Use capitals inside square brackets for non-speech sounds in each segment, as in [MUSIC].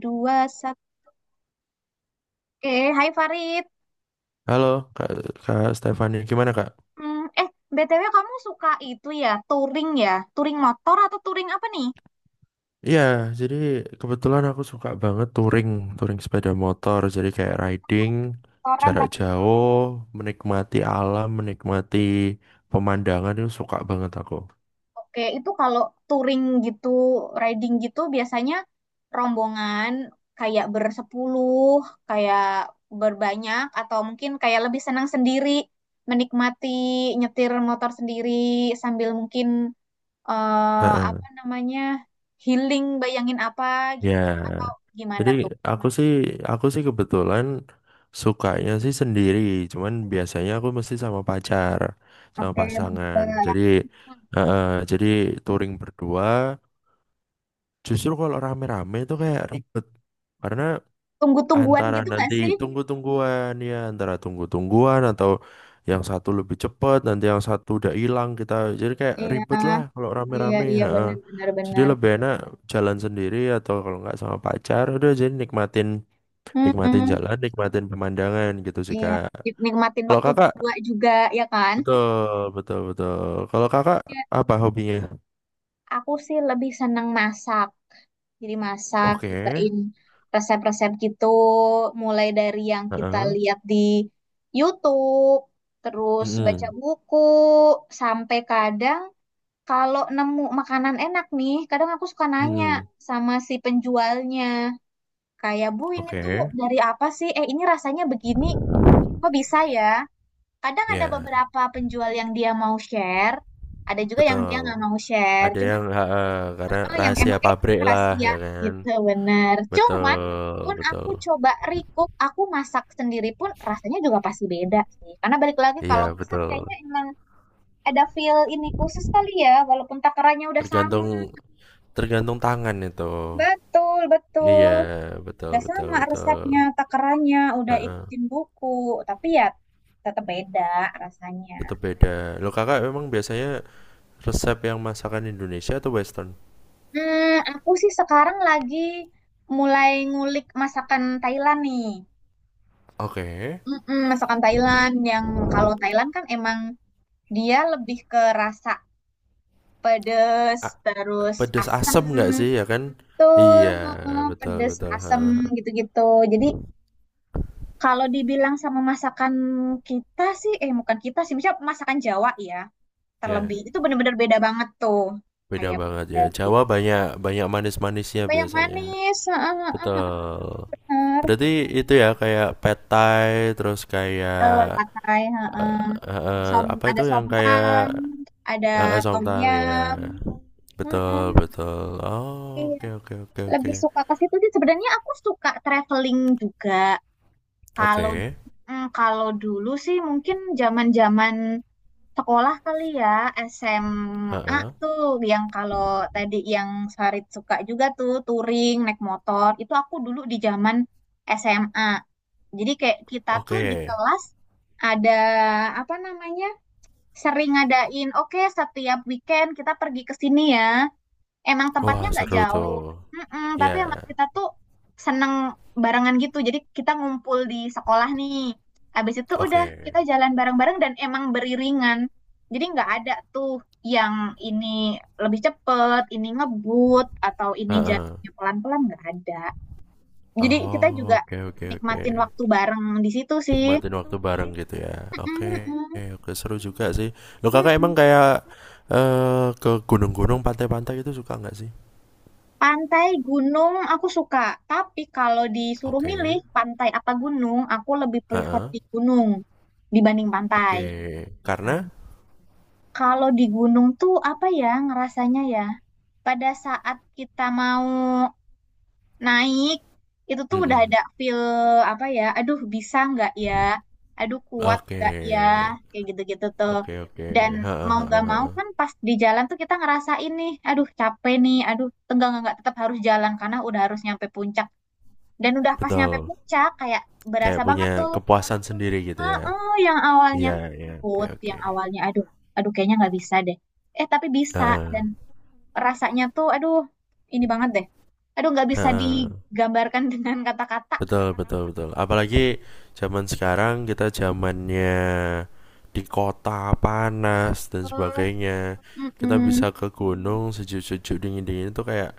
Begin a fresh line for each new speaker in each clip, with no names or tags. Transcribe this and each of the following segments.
Dua. Satu. Oke. Hai, Farid.
Halo Kak, Kak Stefani, gimana Kak?
Hmm, BTW kamu suka itu, ya, touring, ya touring motor, atau touring apa nih?
Iya, jadi kebetulan aku suka banget touring, touring sepeda motor. Jadi kayak riding,
Motoran,
jarak
ride.
jauh, menikmati alam, menikmati pemandangan itu suka banget aku.
Oke, itu kalau touring gitu, riding gitu, biasanya rombongan, kayak bersepuluh, kayak berbanyak, atau mungkin kayak lebih senang sendiri, menikmati nyetir motor sendiri, sambil mungkin, apa
Heeh.
namanya, healing, bayangin apa gitu, atau
Ya,
gimana
jadi
tuh?
aku sih, aku sih kebetulan sukanya sih sendiri. Cuman biasanya aku mesti sama pacar, sama
Oke,
pasangan.
berdua.
Jadi, heeh, jadi touring berdua. Justru kalau rame-rame itu kayak ribet. Karena
Tunggu-tungguan
antara
gitu nggak
nanti
sih?
tunggu-tungguan ya, antara tunggu-tungguan atau yang satu lebih cepat, nanti yang satu udah hilang kita. Jadi kayak
Iya,
ribet lah kalau
iya,
rame-rame.
iya,
Ha.
benar, benar,
Jadi
benar.
lebih enak jalan sendiri atau kalau nggak sama pacar, udah jadi nikmatin nikmatin
Mm-mm,
jalan, nikmatin pemandangan gitu sih
iya,
Kak.
nikmatin
Kalau
waktu
Kakak,
berdua juga, ya kan?
betul, betul, betul. Kalau Kakak
Iya.
apa hobinya?
Aku sih lebih seneng masak. Jadi masak,
Oke.
cobain resep-resep gitu, mulai dari yang kita
Heeh.
lihat di YouTube, terus baca
Mm-mm.
buku, sampai kadang, kalau nemu makanan enak nih, kadang aku suka nanya
Mm-mm.
sama si penjualnya. Kayak, Bu, ini tuh
Oke.
dari apa sih? Eh, ini rasanya begini, kok bisa ya? Kadang ada
Ya.
beberapa penjual yang dia mau share, ada juga yang dia
Betul.
nggak mau share.
Ada
Cuman
yang heeh, karena
yang
rahasia
emang
pabrik
kasih
lah
ya
ya kan.
gitu, bener. Cuman
Betul,
pun
betul.
aku coba recook, aku masak sendiri pun rasanya juga pasti beda sih. Karena balik lagi, kalau
Iya,
masak
betul.
kayaknya emang ada feel ini khusus kali ya, walaupun takarannya udah sama.
Tergantung tergantung tangan itu.
Betul,
Iya,
betul.
betul,
Udah
betul,
sama
betul.
resepnya, takarannya, udah
Heeh.
ikutin buku, tapi ya tetap beda rasanya.
Tetap beda. Lo Kakak memang biasanya resep yang masakan Indonesia atau western?
Hmm, aku sih sekarang lagi mulai ngulik masakan Thailand nih.
Oke.
Mm-mm, masakan Thailand yang, kalau Thailand kan emang dia lebih ke rasa pedes,
A-,
terus
pedes
asem,
asem nggak sih ya kan?
betul,
Iya,
mm-mm,
betul,
pedes,
betul.
asem
Heeh.
gitu-gitu. Jadi kalau dibilang sama masakan kita sih, eh, bukan kita sih, misalnya masakan Jawa ya,
Ya,
terlebih itu bener-bener beda banget tuh,
beda
kayak
banget ya.
dari
Jawa banyak banyak manis-manisnya
banyak
biasanya.
manis, heeh, heeh,
Betul.
heeh.
Berarti itu ya kayak pad thai, terus kayak
Betul pakai, heeh. Som,
apa
ada
itu yang kayak
somtang, ada tom
somtang ya.
yum, heeh,
Betul, betul. Oh,
iya,
oke, oke, oke, oke.
lebih suka ke situ sih. Sebenarnya aku suka traveling juga, kalau
Oke.
kalau dulu sih mungkin zaman-zaman sekolah kali ya, SMA
Heeh.
tuh, yang kalau tadi yang Farid suka juga tuh, touring, naik motor. Itu aku dulu di zaman SMA. Jadi kayak kita tuh di
Oke.
kelas ada, apa namanya, sering ngadain, oke setiap weekend kita pergi ke sini ya, emang tempatnya
Wah,
nggak
seru tuh.
jauh. Mm-mm, tapi
Ya.
emang kita tuh seneng barengan gitu, jadi kita ngumpul di sekolah nih, habis itu udah
Oke.
kita jalan bareng-bareng, dan emang beriringan, jadi nggak ada tuh yang ini lebih cepet, ini ngebut, atau ini
Heeh.
jalannya pelan-pelan, nggak ada. Jadi kita
Oh,
juga
oke, oke, oke.
nikmatin waktu bareng di situ sih.
Nikmatin waktu bareng gitu ya. Oke.
Mm-mm, mm-mm,
Oke, seru juga sih. Lo kakak emang
mm-mm.
kayak ke gunung-gunung, pantai-pantai itu suka nggak sih?
Pantai, gunung, aku suka. Tapi kalau disuruh milih
Oke.
pantai apa gunung, aku lebih prefer
Heeh,
di gunung dibanding pantai.
oke.
Ya kan?
Karena?
Kalau di gunung tuh apa ya ngerasanya ya? Pada saat kita mau naik, itu tuh udah
Mhm.
ada feel, apa ya, aduh bisa nggak ya, aduh kuat
Oke.
nggak ya, kayak gitu-gitu tuh.
Oke, oke.
Dan
Heeh,
mau nggak
heeh,
mau
heeh.
kan, pas di jalan tuh kita ngerasain nih, aduh capek nih, aduh tegang, nggak, tetap harus jalan karena udah harus nyampe puncak, dan udah pas nyampe
Betul.
puncak kayak berasa
Kayak
banget
punya
tuh.
kepuasan sendiri gitu ya?
Heeh, yang awalnya
Iya, iya, oke,
takut,
oke.
yang awalnya aduh, aduh kayaknya nggak bisa deh, eh tapi bisa,
Heeh.
dan rasanya tuh aduh, ini banget deh. Aduh, nggak bisa
Heeh.
digambarkan [LAUGHS] dengan kata-kata.
Betul, betul, betul. Apalagi zaman sekarang kita zamannya di kota, panas dan
Eh,
sebagainya. Kita
Mm-mm.
bisa ke gunung sejuk-sejuk, dingin-dingin itu kayak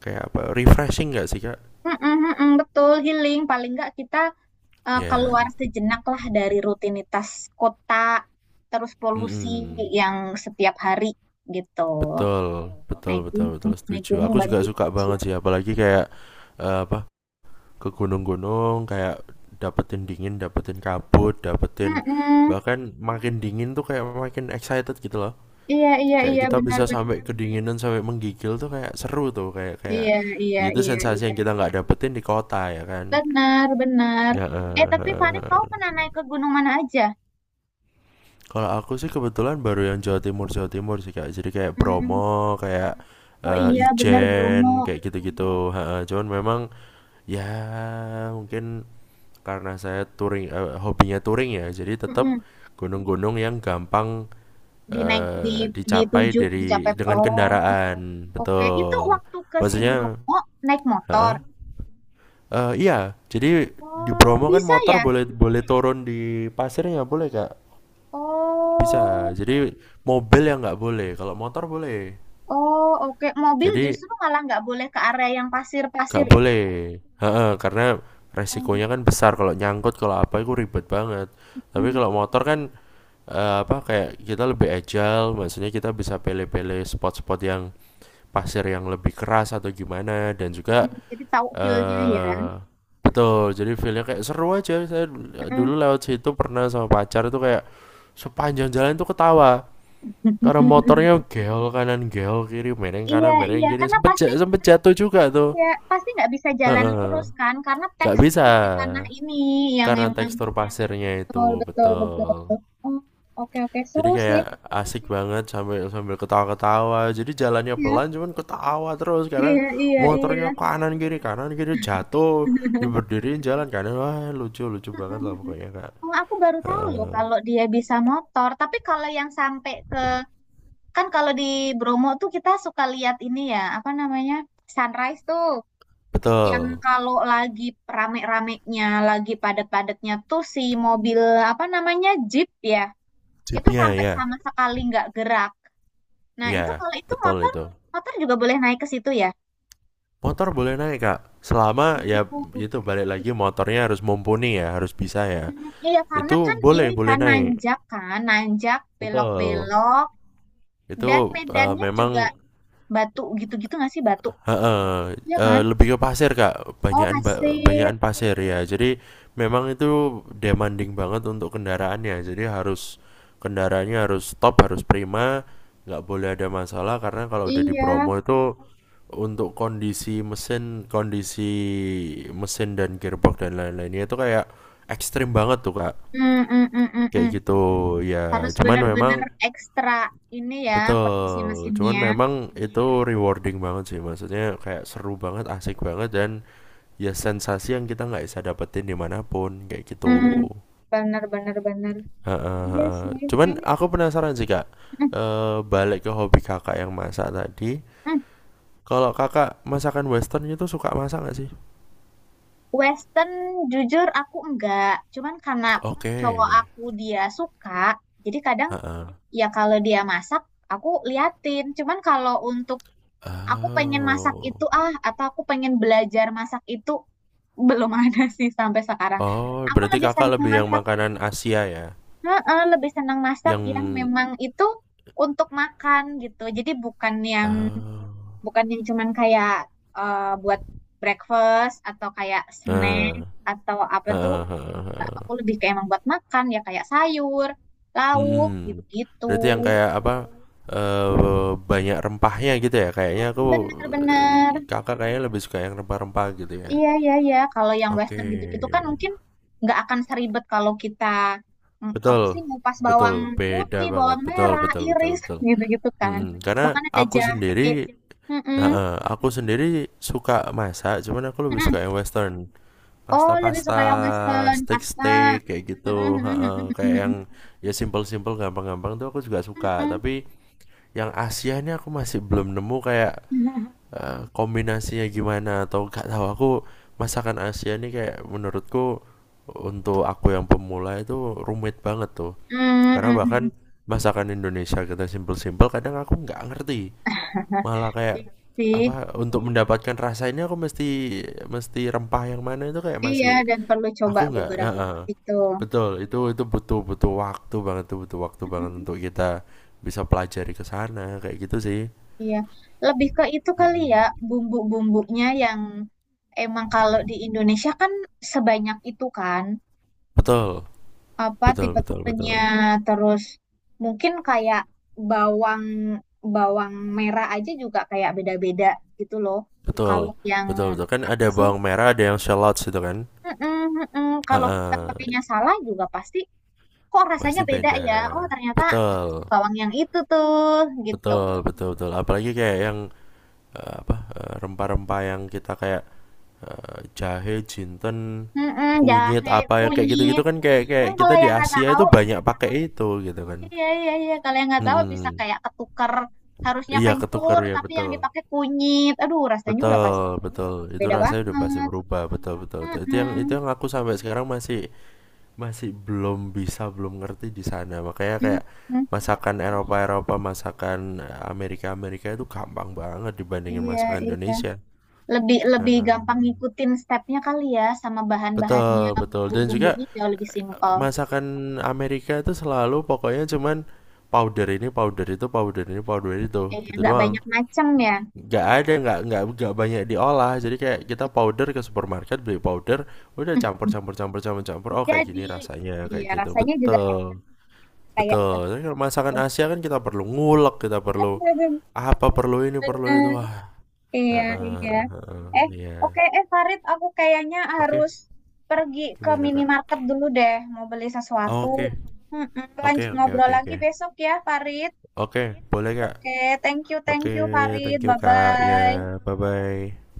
kayak apa, refreshing nggak sih, Kak?
Mm-mm, mm-mm, betul, healing. Paling nggak kita keluar
Iya.
sejenak lah dari rutinitas kota, terus polusi
Mhm.
yang setiap hari gitu.
Betul, betul, betul, betul.
Naik
Setuju.
gunung
Aku juga
bantu
suka
sih.
banget sih, apalagi kayak eh, apa ke gunung-gunung, kayak dapetin dingin, dapetin kabut, dapetin
Mm-mm.
bahkan makin dingin tuh kayak makin excited gitu loh.
Iya, iya,
Kayak
iya,
kita
benar,
bisa
benar.
sampai kedinginan sampai menggigil tuh kayak seru tuh, kayak kayak
Iya, iya,
ya itu
iya,
sensasi
iya.
yang kita nggak dapetin di kota ya kan.
Benar, benar.
Ya.
Eh, tapi Farid, kau pernah naik ke gunung mana aja?
Kalau aku sih kebetulan baru yang Jawa Timur sih kak. Jadi kayak
Hmm.
Bromo, kayak
Oh
eh,
iya, benar, Bromo.
Ijen, kayak gitu-gitu. Ha, ha. Cuman memang ya mungkin karena saya touring, eh, hobinya touring ya. Jadi tetap
Mm-mm.
gunung-gunung yang gampang
Di naik di di
dicapai
tujuh di
dari
Japek.
dengan
Oh
kendaraan,
oke, itu
betul.
waktu ke si
Maksudnya,
Bromo naik motor.
ha, eh, iya. Jadi di
Oh
Bromo kan
bisa
motor
ya.
boleh boleh turun di pasirnya boleh kak, bisa
Oh,
jadi mobil yang nggak boleh kalau motor boleh,
oh, oke. Mobil
jadi
justru malah nggak boleh ke area yang pasir-pasir
nggak
itu.
boleh. Heeh, karena
Oh,
resikonya kan besar kalau nyangkut kalau apa itu ribet banget, tapi
mm,
kalau motor kan eh, apa kayak kita lebih agile maksudnya kita bisa pilih-pilih spot-spot yang pasir yang lebih keras atau gimana. Dan juga
mm. Jadi tahu feel-nya ya.
eh, betul, jadi feelnya kayak seru aja saya dulu
Mm.
lewat situ pernah sama pacar itu kayak sepanjang jalan tuh ketawa. Karena
[LAUGHS]
motornya geol kanan geol kiri mereng
Iya,
kanan mereng
iya,
kiri
karena pasti,
sempet jatuh juga tuh.
ya pasti nggak bisa jalan
Heeh.
lurus kan, karena
Gak
teks
bisa
di tanah ini yang
karena
emang
tekstur pasirnya itu
betul, betul, betul.
betul.
Oh, oke, oke.
Jadi
Seru sih.
kayak asik banget sambil sambil ketawa-ketawa. Jadi jalannya
Ya.
pelan cuman ketawa terus karena
Iya, iya, iya.
motornya kanan kiri jatuh
[LAUGHS]
diberdiriin jalan kanan wah lucu lucu banget lah
mm
pokoknya kak.
Oh, aku baru tahu loh
Heeh.
kalau dia bisa motor. Tapi kalau yang sampai ke, kan kalau di Bromo tuh kita suka lihat ini ya, apa namanya? Sunrise tuh, yang
Betul.
kalau lagi rame-ramenya, lagi padat-padatnya tuh si mobil, apa namanya? Jeep ya. Itu
Jeepnya
sampai
ya,
sama sekali nggak gerak. Nah, itu
ya
kalau itu
betul
motor,
itu.
motor juga boleh naik ke situ
Motor boleh naik kak,
ya.
selama ya itu balik lagi motornya harus mumpuni ya, harus bisa ya.
Hmm, iya, karena
Itu
kan
boleh
ini
boleh naik,
kan, nanjak,
betul.
belok-belok,
Itu
dan
eh,
medannya
memang
juga batu gitu-gitu nggak sih, batu?
heeh,
Iya kan?
eh, lebih ke pasir Kak,
Oh,
banyakan
pasir.
banyakan pasir ya. Jadi memang itu demanding banget untuk kendaraannya. Jadi harus kendaraannya harus top, harus prima, nggak boleh ada masalah karena kalau udah di
Iya.
Bromo itu untuk kondisi mesin dan gearbox dan lain-lainnya itu kayak ekstrim banget tuh Kak.
Hmm, hmm, hmm, hmm,
Kayak
hmm.
gitu
Harus
ya. Cuman memang
benar-benar ekstra ini ya, posisi
betul, cuman
mesinnya.
memang itu rewarding banget sih, maksudnya kayak seru banget, asik banget, dan ya sensasi yang kita nggak bisa dapetin dimanapun, kayak gitu.
Hmm, benar, benar, benar. Iya sih,
Heeh. Cuman
kayaknya.
aku penasaran sih kak.
Hmm,
Eh, balik ke hobi kakak yang masak tadi,
hmm.
kalau kakak masakan western itu suka masak nggak sih?
Western, jujur aku enggak. Cuman karena
Oke,
cowok aku dia suka, jadi kadang,
heeh.
ya kalau dia masak, aku liatin. Cuman kalau untuk aku pengen masak
Oh,
itu ah, atau aku pengen belajar masak itu, [LAUGHS] belum ada sih sampai sekarang.
oh
Aku
berarti
lebih
kakak
senang
lebih yang
masak,
makanan Asia ya,
heeh, lebih senang masak yang
yang
memang itu untuk makan gitu. Jadi bukan yang
oh,
bukan yang cuman kayak buat breakfast atau kayak snack
eh,
atau apa tuh.
heeh, heeh,
Nah,
heeh.
aku lebih kayak emang buat makan, ya kayak sayur, lauk
Mhm.
gitu-gitu.
Berarti yang kayak apa, banyak rempahnya gitu ya? Kayaknya aku,
Bener-bener.
Kakak kayaknya lebih suka yang rempah-rempah gitu ya?
Iya, iya, iya. Kalau yang
Oke.
Western gitu-gitu kan mungkin nggak akan seribet kalau kita, apa
Betul,
sih, ngupas bawang
betul, beda
putih,
banget,
bawang
betul,
merah,
betul, betul,
iris
betul.
[LAUGHS] gitu-gitu kan.
Mhm, karena
Bahkan ada
aku
jahe.
sendiri
Mm-mm,
heeh, aku sendiri suka masak, cuman aku lebih
mm-mm.
suka yang western.
Oh, lebih suka
Pasta-pasta,
yang Western, pasta.
steak-steak kayak
Mm-mm,
gitu
mm-mm,
heeh, kayak
mm-mm,
yang ya simpel-simpel, gampang-gampang tuh aku juga suka, tapi yang Asia ini aku masih belum nemu kayak kombinasinya gimana atau gak tahu aku masakan Asia ini kayak menurutku untuk aku yang pemula itu rumit banget tuh
mm-mm,
karena
mm-mm,
bahkan
mm-mm.
masakan Indonesia kita simpel-simpel kadang aku nggak ngerti. Malah kayak
Iya [LAUGHS] sih.
apa untuk mendapatkan rasa ini aku mesti mesti rempah yang mana itu kayak
Iya,
masih
dan perlu coba
aku nggak
beberapa
heeh.
itu.
Betul, itu butuh butuh waktu banget tuh, butuh waktu banget untuk kita bisa pelajari ke sana kayak gitu sih.
Iya, lebih ke itu kali
Mhm.
ya, bumbu-bumbunya yang emang, kalau di Indonesia kan sebanyak itu kan,
Betul,
apa
betul, betul,
tipe-tipenya,
betul.
terus mungkin kayak bawang bawang merah aja juga kayak beda-beda gitu loh.
Betul,
Kalau yang
betul, betul. Kan ada
apa sih?
bawang merah, ada yang shallots itu kan?
Mm-mm, mm-mm. Kalau kita
Heeh,
pakainya salah juga pasti, kok rasanya
pasti
beda
beda.
ya. Oh, ternyata
Betul,
bawang yang itu tuh gitu.
betul, betul, betul. Apalagi kayak yang eh, apa rempah-rempah yang kita kayak eh, jahe, jinten,
Mm-mm,
kunyit
jahe,
apa ya kayak gitu-gitu
kunyit.
kan kayak kayak
Kan
kita
kalau
di
yang nggak
Asia
tahu,
itu banyak pakai itu gitu kan.
iya, iya, iya. Kalau yang nggak tahu bisa
Mm-mm.
kayak ketuker. Harusnya
Iya ketukar
kencur,
ya
tapi yang
betul.
dipakai kunyit. Aduh, rasanya udah pasti
Betul, betul. Itu
beda
rasanya udah pasti
banget.
berubah, betul, betul, betul. Itu
Mm-mm.
yang aku sampai sekarang masih masih belum bisa, belum ngerti di sana. Makanya kayak
Mm-mm.
masakan Eropa-Eropa, masakan Amerika-Amerika itu gampang banget dibandingin
Iya,
masakan
iya.
Indonesia.
Lebih lebih gampang
Heeh.
ngikutin stepnya kali ya, sama bahan-bahannya,
Betul, betul. Dan juga
bumbu-bumbunya jauh lebih simpel.
masakan Amerika itu selalu pokoknya cuman powder ini powder itu powder ini powder itu
Iya,
gitu
nggak
doang,
banyak macam ya.
nggak ada nggak banyak diolah jadi kayak kita powder ke supermarket beli powder udah campur
[LAUGHS]
campur campur campur campur oh kayak
Jadi,
gini rasanya kayak
iya
gitu
rasanya juga,
betul,
kayak ikan
betul. Tapi kalau masakan Asia kan kita perlu ngulek kita
aja.
perlu
[LAUGHS]
apa perlu ini perlu itu
Bener.
wah.
Iya,
Heeh,
iya.
heeh,
Eh,
iya,
oke, Farid, aku kayaknya
oke,
harus pergi ke
gimana kak.
minimarket dulu deh, mau beli
Oh,
sesuatu.
oke,
Mm-mm,
oke,
lanjut
oke,
ngobrol
oke,
lagi
oke,
besok ya, Farid.
oke, boleh kak.
Oke,
Oke,
thank you,
thank
Farid.
you Kak.
Bye-bye.
Ya, bye-bye.